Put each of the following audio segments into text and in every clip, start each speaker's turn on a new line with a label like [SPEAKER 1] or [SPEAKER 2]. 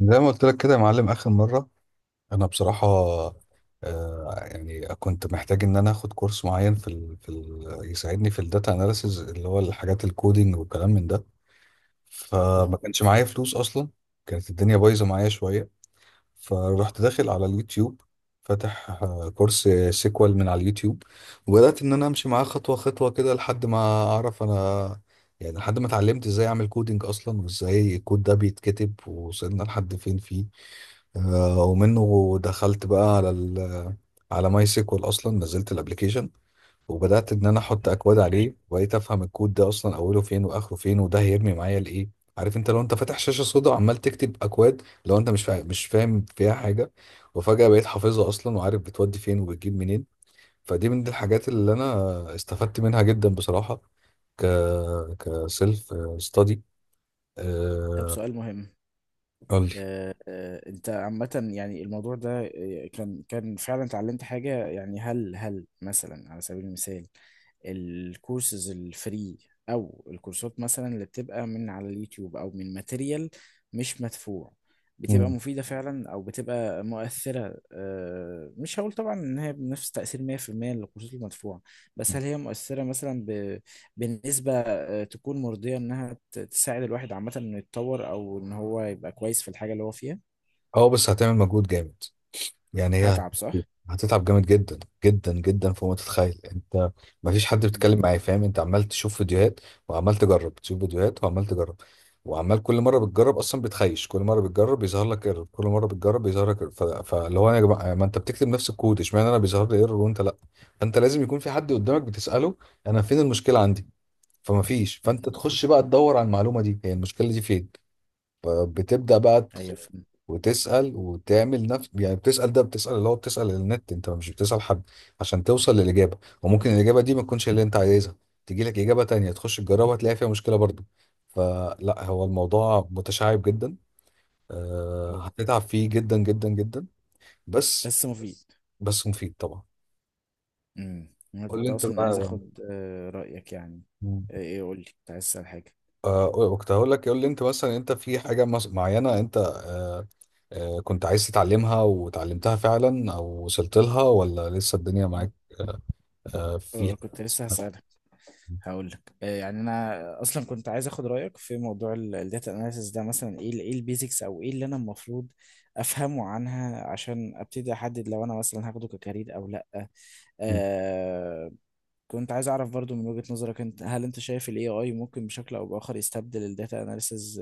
[SPEAKER 1] زي ما قلت لك كده يا معلم اخر مره، انا بصراحه يعني كنت محتاج ان انا اخد كورس معين في ال يساعدني في الداتا اناليسز اللي هو الحاجات الكودينج والكلام من ده. فما
[SPEAKER 2] اهو.
[SPEAKER 1] كانش معايا فلوس اصلا، كانت الدنيا بايظه معايا شويه. فرحت داخل على اليوتيوب فاتح كورس سيكوال من على اليوتيوب، وبدات ان انا امشي معاه خطوه خطوه كده لحد ما اعرف انا، يعني لحد ما اتعلمت ازاي اعمل كودينج اصلا وازاي الكود ده بيتكتب ووصلنا لحد فين فيه. ومنه دخلت بقى على على ماي سيكوال اصلا، نزلت الابلكيشن وبدات ان انا احط اكواد
[SPEAKER 2] مم.
[SPEAKER 1] عليه وبقيت افهم الكود ده اصلا اوله فين واخره فين وده هيرمي معايا لايه. عارف انت، لو انت فاتح شاشه سودا وعمال تكتب اكواد لو انت مش فاهم فيها حاجه، وفجاه بقيت حافظها اصلا وعارف بتودي فين وبتجيب منين. فدي من الحاجات اللي انا استفدت منها جدا بصراحه، ك كسيلف ستادي.
[SPEAKER 2] طب، سؤال مهم.
[SPEAKER 1] قول لي.
[SPEAKER 2] انت عامة يعني الموضوع ده، كان فعلا اتعلمت حاجة، يعني هل مثلا على سبيل المثال الكورسز الفري او الكورسات مثلا اللي بتبقى من على اليوتيوب او من ماتيريال مش مدفوع، بتبقى
[SPEAKER 1] مم.
[SPEAKER 2] مفيدة فعلا او بتبقى مؤثرة؟ مش هقول طبعا ان هي بنفس تأثير 100% للكورسات المدفوعة، بس هل هي مؤثرة مثلا بنسبة تكون مرضية إنها تساعد الواحد عامة إنه يتطور أو إن هو يبقى كويس في الحاجة اللي هو فيها؟
[SPEAKER 1] اه، بس هتعمل مجهود جامد، يعني هي
[SPEAKER 2] هتعب صح؟
[SPEAKER 1] هتتعب جامد جدا، جدا جدا فوق ما تتخيل انت. ما فيش حد
[SPEAKER 2] مم.
[SPEAKER 1] بيتكلم معايا فاهم، انت عمال تشوف فيديوهات وعمال تجرب، تشوف فيديوهات وعمال تجرب، وعمال كل مره بتجرب اصلا بتخيش، كل مره بتجرب بيظهر لك ايرور، كل مره بتجرب بيظهر لك error. فاللي هو يا جماعه، ما انت بتكتب نفس الكود، اشمعنى انا بيظهر لي ايرور وانت لا؟ فانت لازم يكون في حد قدامك بتساله انا فين المشكله عندي، فما فيش، فانت تخش بقى تدور على المعلومه دي، هي المشكله دي فين. فبتبدا بقى
[SPEAKER 2] أيوه، فهمت.
[SPEAKER 1] وتسأل وتعمل نفس، يعني بتسأل ده، بتسأل اللي هو، بتسأل النت، انت مش بتسأل حد، عشان توصل للإجابة، وممكن الإجابة دي ما تكونش اللي انت عايزها، تيجي لك إجابة تانية تخش تجربها تلاقي فيها مشكلة برضو. فلا، هو الموضوع متشعب جدا،
[SPEAKER 2] أه،
[SPEAKER 1] هتتعب فيه جدا جدا جدا. بس.
[SPEAKER 2] بس مفيد بس.
[SPEAKER 1] بس مفيد طبعا.
[SPEAKER 2] مم. أنا
[SPEAKER 1] قول لي
[SPEAKER 2] كنت
[SPEAKER 1] انت
[SPEAKER 2] أصلا عايز
[SPEAKER 1] بقى.
[SPEAKER 2] أخد رأيك يعني.
[SPEAKER 1] مم.
[SPEAKER 2] إيه، قول لي، كنت عايز أسأل حاجة.
[SPEAKER 1] كنت هقول لك، قول لي انت مثلا، انت في حاجة معينة انت كنت عايز تتعلمها وتعلمتها فعلا او وصلت لها ولا لسه الدنيا
[SPEAKER 2] أه.
[SPEAKER 1] معاك؟ آه، في
[SPEAKER 2] كنت لسه هسألك. هقول لك، يعني أنا أصلا كنت عايز أخد رأيك في موضوع الداتا أناليسيس ده، مثلا إيه إيه البيزكس أو إيه اللي أنا المفروض أفهمه عنها عشان أبتدي أحدد لو أنا مثلا هاخده ككارير أو لأ. آه، كنت عايز اعرف برضو من وجهة نظرك انت، هل انت شايف الاي اي ممكن بشكل او باخر يستبدل الداتا اناليسز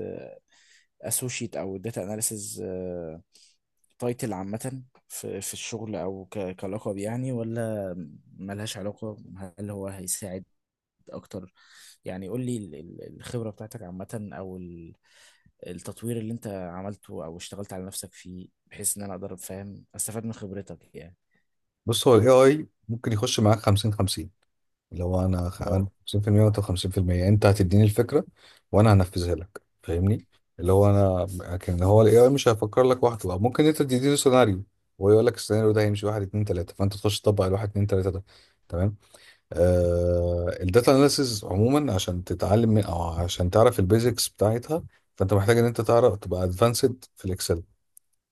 [SPEAKER 2] اسوشيت او الداتا اناليسز تايتل عامة في الشغل، او كلقب يعني، ولا ملهاش علاقة؟ هل هو هيساعد اكتر؟ يعني قول لي الخبرة بتاعتك عامة، او التطوير اللي انت عملته او اشتغلت على نفسك فيه، بحيث ان انا اقدر افهم استفاد من خبرتك يعني.
[SPEAKER 1] بص، هو الاي اي ممكن يخش معاك 50-50، لو انا انا
[SPEAKER 2] اه،
[SPEAKER 1] 50% وانت 50%، انت هتديني الفكره وانا هنفذها لك، فاهمني، اللي هو انا. لكن هو الاي اي مش هيفكر لك وحده، أو ممكن انت تديني سيناريو وهو يقول لك السيناريو ده هيمشي واحد اتنين تلاته، فانت تخش تطبق الواحد اتنين تلاته ده، تمام. الداتا اناليسز عموما، عشان تتعلم من، او عشان تعرف البيزكس بتاعتها، فانت محتاج ان انت تعرف تبقى ادفانسد في الاكسل،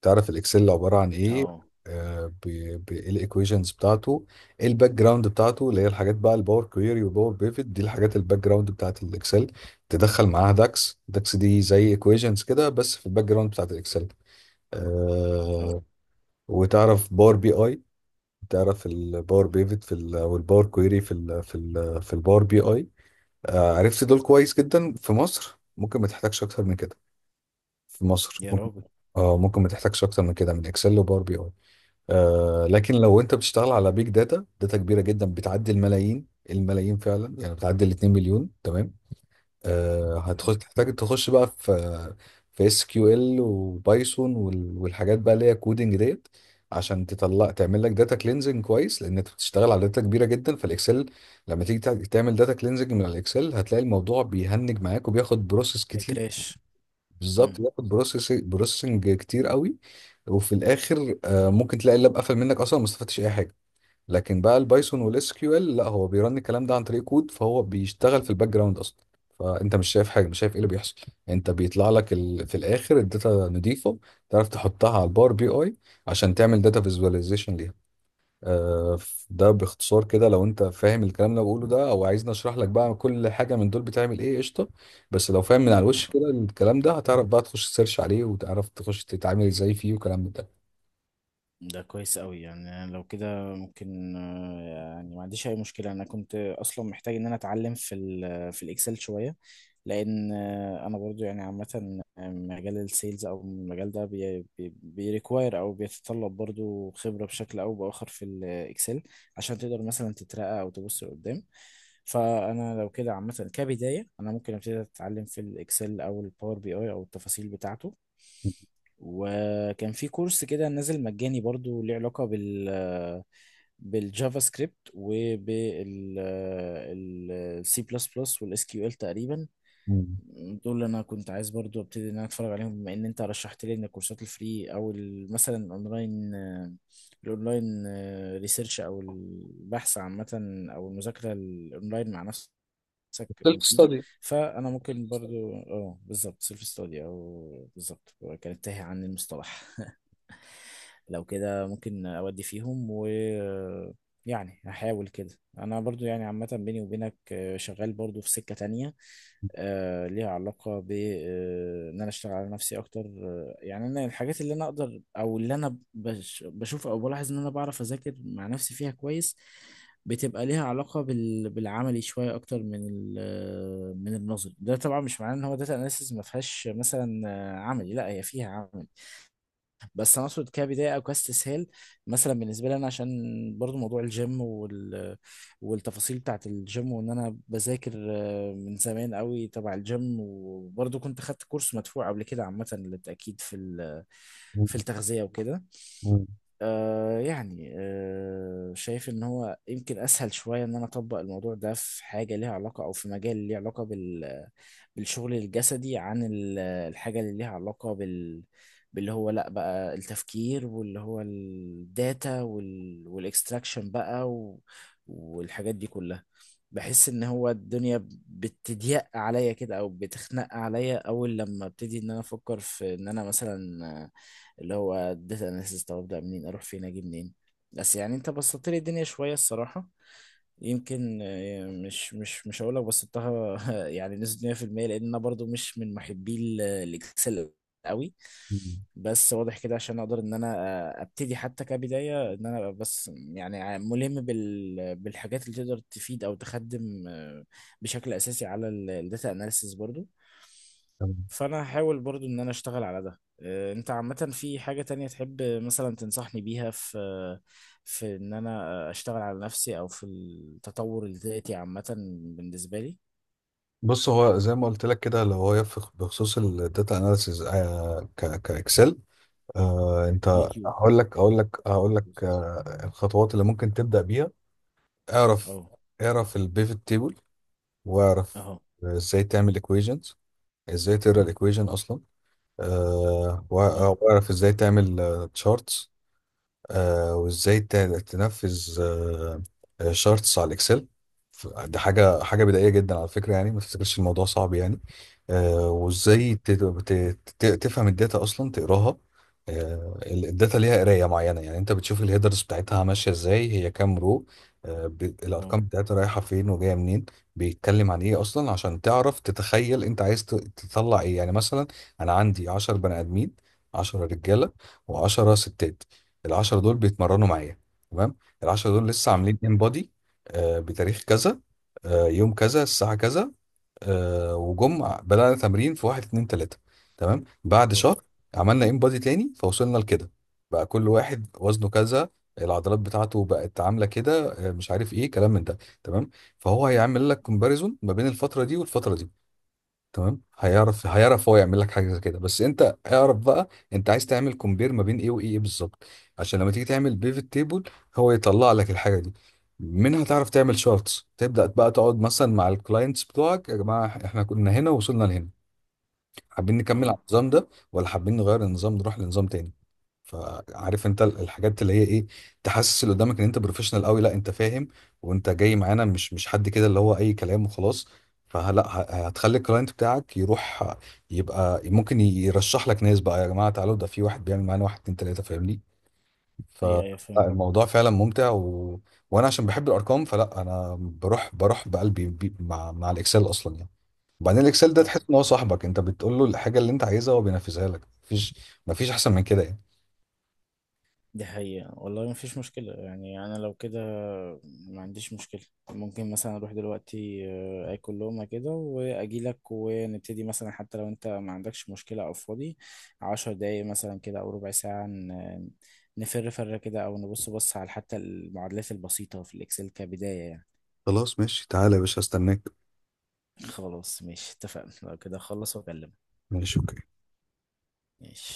[SPEAKER 1] تعرف الاكسل عباره عن ايه،
[SPEAKER 2] اه،
[SPEAKER 1] إيه الايكويشنز بتاعته، إيه الباك جراوند بتاعته، اللي هي الحاجات بقى الباور كويري وباور بيفت، دي الحاجات الباك جراوند بتاعت الاكسل، تدخل معاها داكس، داكس دي زي ايكويشنز كده بس في الباك جراوند بتاعت الاكسل.
[SPEAKER 2] اه.
[SPEAKER 1] آه، وتعرف باور بي اي، تعرف الباور بيفت والباور كويري في الباور بي اي. عرفت دول كويس جدا في مصر ممكن ما تحتاجش اكتر من كده. في مصر
[SPEAKER 2] يا
[SPEAKER 1] ممكن.
[SPEAKER 2] راجل.
[SPEAKER 1] اه، ممكن ما تحتاجش اكتر من كده، من اكسل وباور بي اي. لكن لو انت بتشتغل على بيج داتا، داتا كبيره جدا بتعدي الملايين الملايين فعلا، يعني بتعدي ال 2 مليون، تمام. هتخش تحتاج، تخش بقى في اس كيو ال وبايثون والحاجات بقى اللي هي كودنج ديت، عشان تطلع تعمل لك داتا كلينزنج كويس، لان انت بتشتغل على داتا كبيره جدا. فالاكسل لما تيجي تعمل داتا كلينزنج من الاكسل، هتلاقي الموضوع بيهنج معاك وبياخد بروسيس.
[SPEAKER 2] كراش.
[SPEAKER 1] بالظبط،
[SPEAKER 2] مم.
[SPEAKER 1] بياخد بروسيسنج بروسيسنج كتير قوي. وفي الاخر ممكن تلاقي اللاب قفل منك اصلا ما استفدتش اي حاجه. لكن بقى البايثون والاس كيو ال لا، هو بيرن الكلام ده عن طريق كود، فهو بيشتغل في الباك جراوند اصلا، فانت مش شايف حاجه، مش شايف ايه اللي بيحصل، انت بيطلع لك في الاخر الداتا نضيفه، تعرف تحطها على الباور بي اي عشان تعمل داتا فيزواليزيشن ليها. آه، ده باختصار كده، لو انت فاهم الكلام اللي أنا بقوله ده او عايزني اشرح لك بقى كل حاجه من دول بتعمل ايه، قشطه. بس لو فاهم من على الوش كده الكلام ده، هتعرف بقى تخش تسيرش عليه، وتعرف تخش تتعامل ازاي فيه وكلام من ده.
[SPEAKER 2] ده كويس قوي، يعني أنا لو كده ممكن، يعني ما عنديش اي مشكله، انا كنت اصلا محتاج ان انا اتعلم في الاكسل شويه، لان انا برضو يعني عامه، مجال السيلز او المجال ده بيريكواير او بيتطلب برضو خبره بشكل او باخر في الاكسل، عشان تقدر مثلا تترقى او تبص لقدام. فانا لو كده عامه كبدايه، انا ممكن ابتدي اتعلم في الاكسل او الباور بي اي او التفاصيل بتاعته. وكان في كورس كده نازل مجاني برضو ليه علاقة بالجافا سكريبت وبالسي بلس بلس والاس كيو ال تقريبا.
[SPEAKER 1] مم.
[SPEAKER 2] دول اللي انا كنت عايز برضو ابتدي ان انا اتفرج عليهم، بما ان انت رشحت لي ان الكورسات الفري او مثلا الاونلاين ريسيرش او البحث عامة، او المذاكرة الاونلاين مع نفسك
[SPEAKER 1] سيلف
[SPEAKER 2] مفيده.
[SPEAKER 1] ستادي.
[SPEAKER 2] فانا ممكن برضو اه، بالظبط سيلف ستادي، او بالظبط كانت تاهي عن المصطلح. لو كده ممكن اودي فيهم. و يعني هحاول كده. انا برضو يعني عامة، بيني وبينك، شغال برضو في سكة تانية، ليها علاقة ب ان انا اشتغل على نفسي اكتر. يعني انا الحاجات اللي انا اقدر او اللي انا بشوف او بلاحظ ان انا بعرف اذاكر مع نفسي فيها كويس، بتبقى ليها علاقة بالعملي شوية أكتر من النظري. ده طبعا مش معناه إن هو داتا أناليسيز ما فيهاش مثلا عملي، لا، هي فيها عملي، بس انا اقصد كبدايه او كاستسهال. مثلا بالنسبه لي انا، عشان برضو موضوع الجيم والتفاصيل بتاعت الجيم، وان انا بذاكر من زمان قوي تبع الجيم، وبرضو كنت خدت كورس مدفوع قبل كده عامه للتاكيد
[SPEAKER 1] مم.
[SPEAKER 2] في التغذيه وكده.
[SPEAKER 1] مم.
[SPEAKER 2] شايف ان هو يمكن اسهل شويه ان انا اطبق الموضوع ده في حاجه ليها علاقه او في مجال ليه علاقه بالشغل الجسدي عن الحاجة اللي ليها علاقة باللي هو لا، بقى التفكير، واللي هو الداتا والاكستراكشن بقى، و... والحاجات دي كلها. بحس ان هو الدنيا بتضيق عليا كده او بتخنق عليا اول لما ابتدي ان انا افكر في ان انا مثلا اللي هو داتا اناليسيس، طب ابدا منين، اروح فين، اجي منين؟ بس يعني انت بسطت لي الدنيا شوية الصراحة. يمكن مش هقول لك بسطتها يعني نسبة 100%، لان انا برضو مش من محبي الاكسل قوي.
[SPEAKER 1] مم.
[SPEAKER 2] بس واضح كده، عشان اقدر ان انا ابتدي حتى كبداية ان انا أبقى، بس يعني، ملم بالحاجات اللي تقدر تفيد او تخدم بشكل اساسي على الداتا اناليسيس برضو.
[SPEAKER 1] تمام.
[SPEAKER 2] فانا هحاول برضو ان انا اشتغل على ده. انت عامة في حاجة تانية تحب مثلا تنصحني بيها في ان انا اشتغل على نفسي او في التطور الذاتي عامة بالنسبة لي؟
[SPEAKER 1] بص، هو زي ما قلت لك كده اللي هو يفق بخصوص الداتا اناليسيز كاكسل. انت،
[SPEAKER 2] يوتيوب.
[SPEAKER 1] هقول لك الخطوات اللي ممكن تبدا بيها. اعرف،
[SPEAKER 2] اه.
[SPEAKER 1] اعرف البيفت تيبل، واعرف
[SPEAKER 2] اهو.
[SPEAKER 1] ازاي تعمل equations، ازاي تقرا الايكويجن اصلا. أه وأ-
[SPEAKER 2] اهو.
[SPEAKER 1] آه، واعرف ازاي تعمل تشارتس، وازاي تنفذ شارتس على الاكسل. دي حاجه حاجه بدائيه جدا على فكره، يعني ما تفتكرش الموضوع صعب يعني. وازاي تفهم الداتا اصلا تقراها. الداتا ليها قرايه معينه، يعني انت بتشوف الهيدرز بتاعتها ماشيه ازاي، هي كام رو.
[SPEAKER 2] اهو.
[SPEAKER 1] الارقام بتاعتها رايحه فين وجايه منين، بيتكلم عن ايه اصلا عشان تعرف تتخيل انت عايز تطلع ايه، يعني مثلا انا عندي 10 بني ادمين، 10 رجاله و10 ستات، العشرة دول بيتمرنوا معايا، تمام. العشرة دول لسه
[SPEAKER 2] اهو.
[SPEAKER 1] عاملين انبادي بتاريخ كذا، يوم كذا الساعة كذا، وجم بدأنا تمرين في واحد اتنين تلاتة، تمام. بعد
[SPEAKER 2] اهو.
[SPEAKER 1] شهر عملنا انبادي تاني فوصلنا لكده، بقى كل واحد وزنه كذا، العضلات بتاعته بقت عاملة كده، مش عارف ايه كلام من ده، تمام. فهو هيعمل لك كومباريزون ما بين الفترة دي والفترة دي، تمام. هيعرف هو يعمل لك حاجه زي كده، بس انت اعرف بقى انت عايز تعمل كومبير ما بين ايه وايه، إيه بالظبط، عشان لما تيجي تعمل بيفت تيبل هو يطلع لك الحاجه دي، منها تعرف تعمل شارتس، تبدا بقى تقعد مثلا مع الكلاينتس بتوعك، يا جماعه احنا كنا هنا ووصلنا لهنا، حابين نكمل
[SPEAKER 2] اهو.
[SPEAKER 1] على النظام ده، ولا حابين نغير النظام نروح لنظام تاني. فعارف انت الحاجات اللي هي ايه، تحسس اللي قدامك ان انت بروفيشنال قوي، لا انت فاهم، وانت جاي معانا، مش حد كده اللي هو اي كلام وخلاص. فلا، هتخلي الكلاينت بتاعك يروح، يبقى ممكن يرشح لك ناس بقى، يا جماعه تعالوا ده في واحد بيعمل معانا واحد اتنين تلاته، فاهمني.
[SPEAKER 2] هي فهمت.
[SPEAKER 1] فالموضوع فعلا ممتع وانا عشان بحب الارقام فلا، انا بروح بقلبي مع الاكسل اصلا يعني. وبعدين الاكسل ده تحس ان هو صاحبك، انت بتقول له الحاجه اللي انت عايزها هو بينفذها لك، مفيش احسن من كده يعني.
[SPEAKER 2] دي حقيقة والله، ما فيش مشكلة، يعني أنا لو كده ما عنديش مشكلة. ممكن مثلا أروح دلوقتي آكل لقمة كده وأجيلك، ونبتدي مثلا، حتى لو أنت ما عندكش مشكلة أو فاضي، 10 دقايق مثلا كده أو ربع ساعة، نفر فرة كده، أو بص على حتى المعادلات البسيطة في الإكسل كبداية يعني.
[SPEAKER 1] خلاص ماشي، تعالى يا باشا استناك.
[SPEAKER 2] خلاص ماشي، اتفقنا، لو كده أخلص وأكلمك.
[SPEAKER 1] ماشي اوكي.
[SPEAKER 2] ماشي.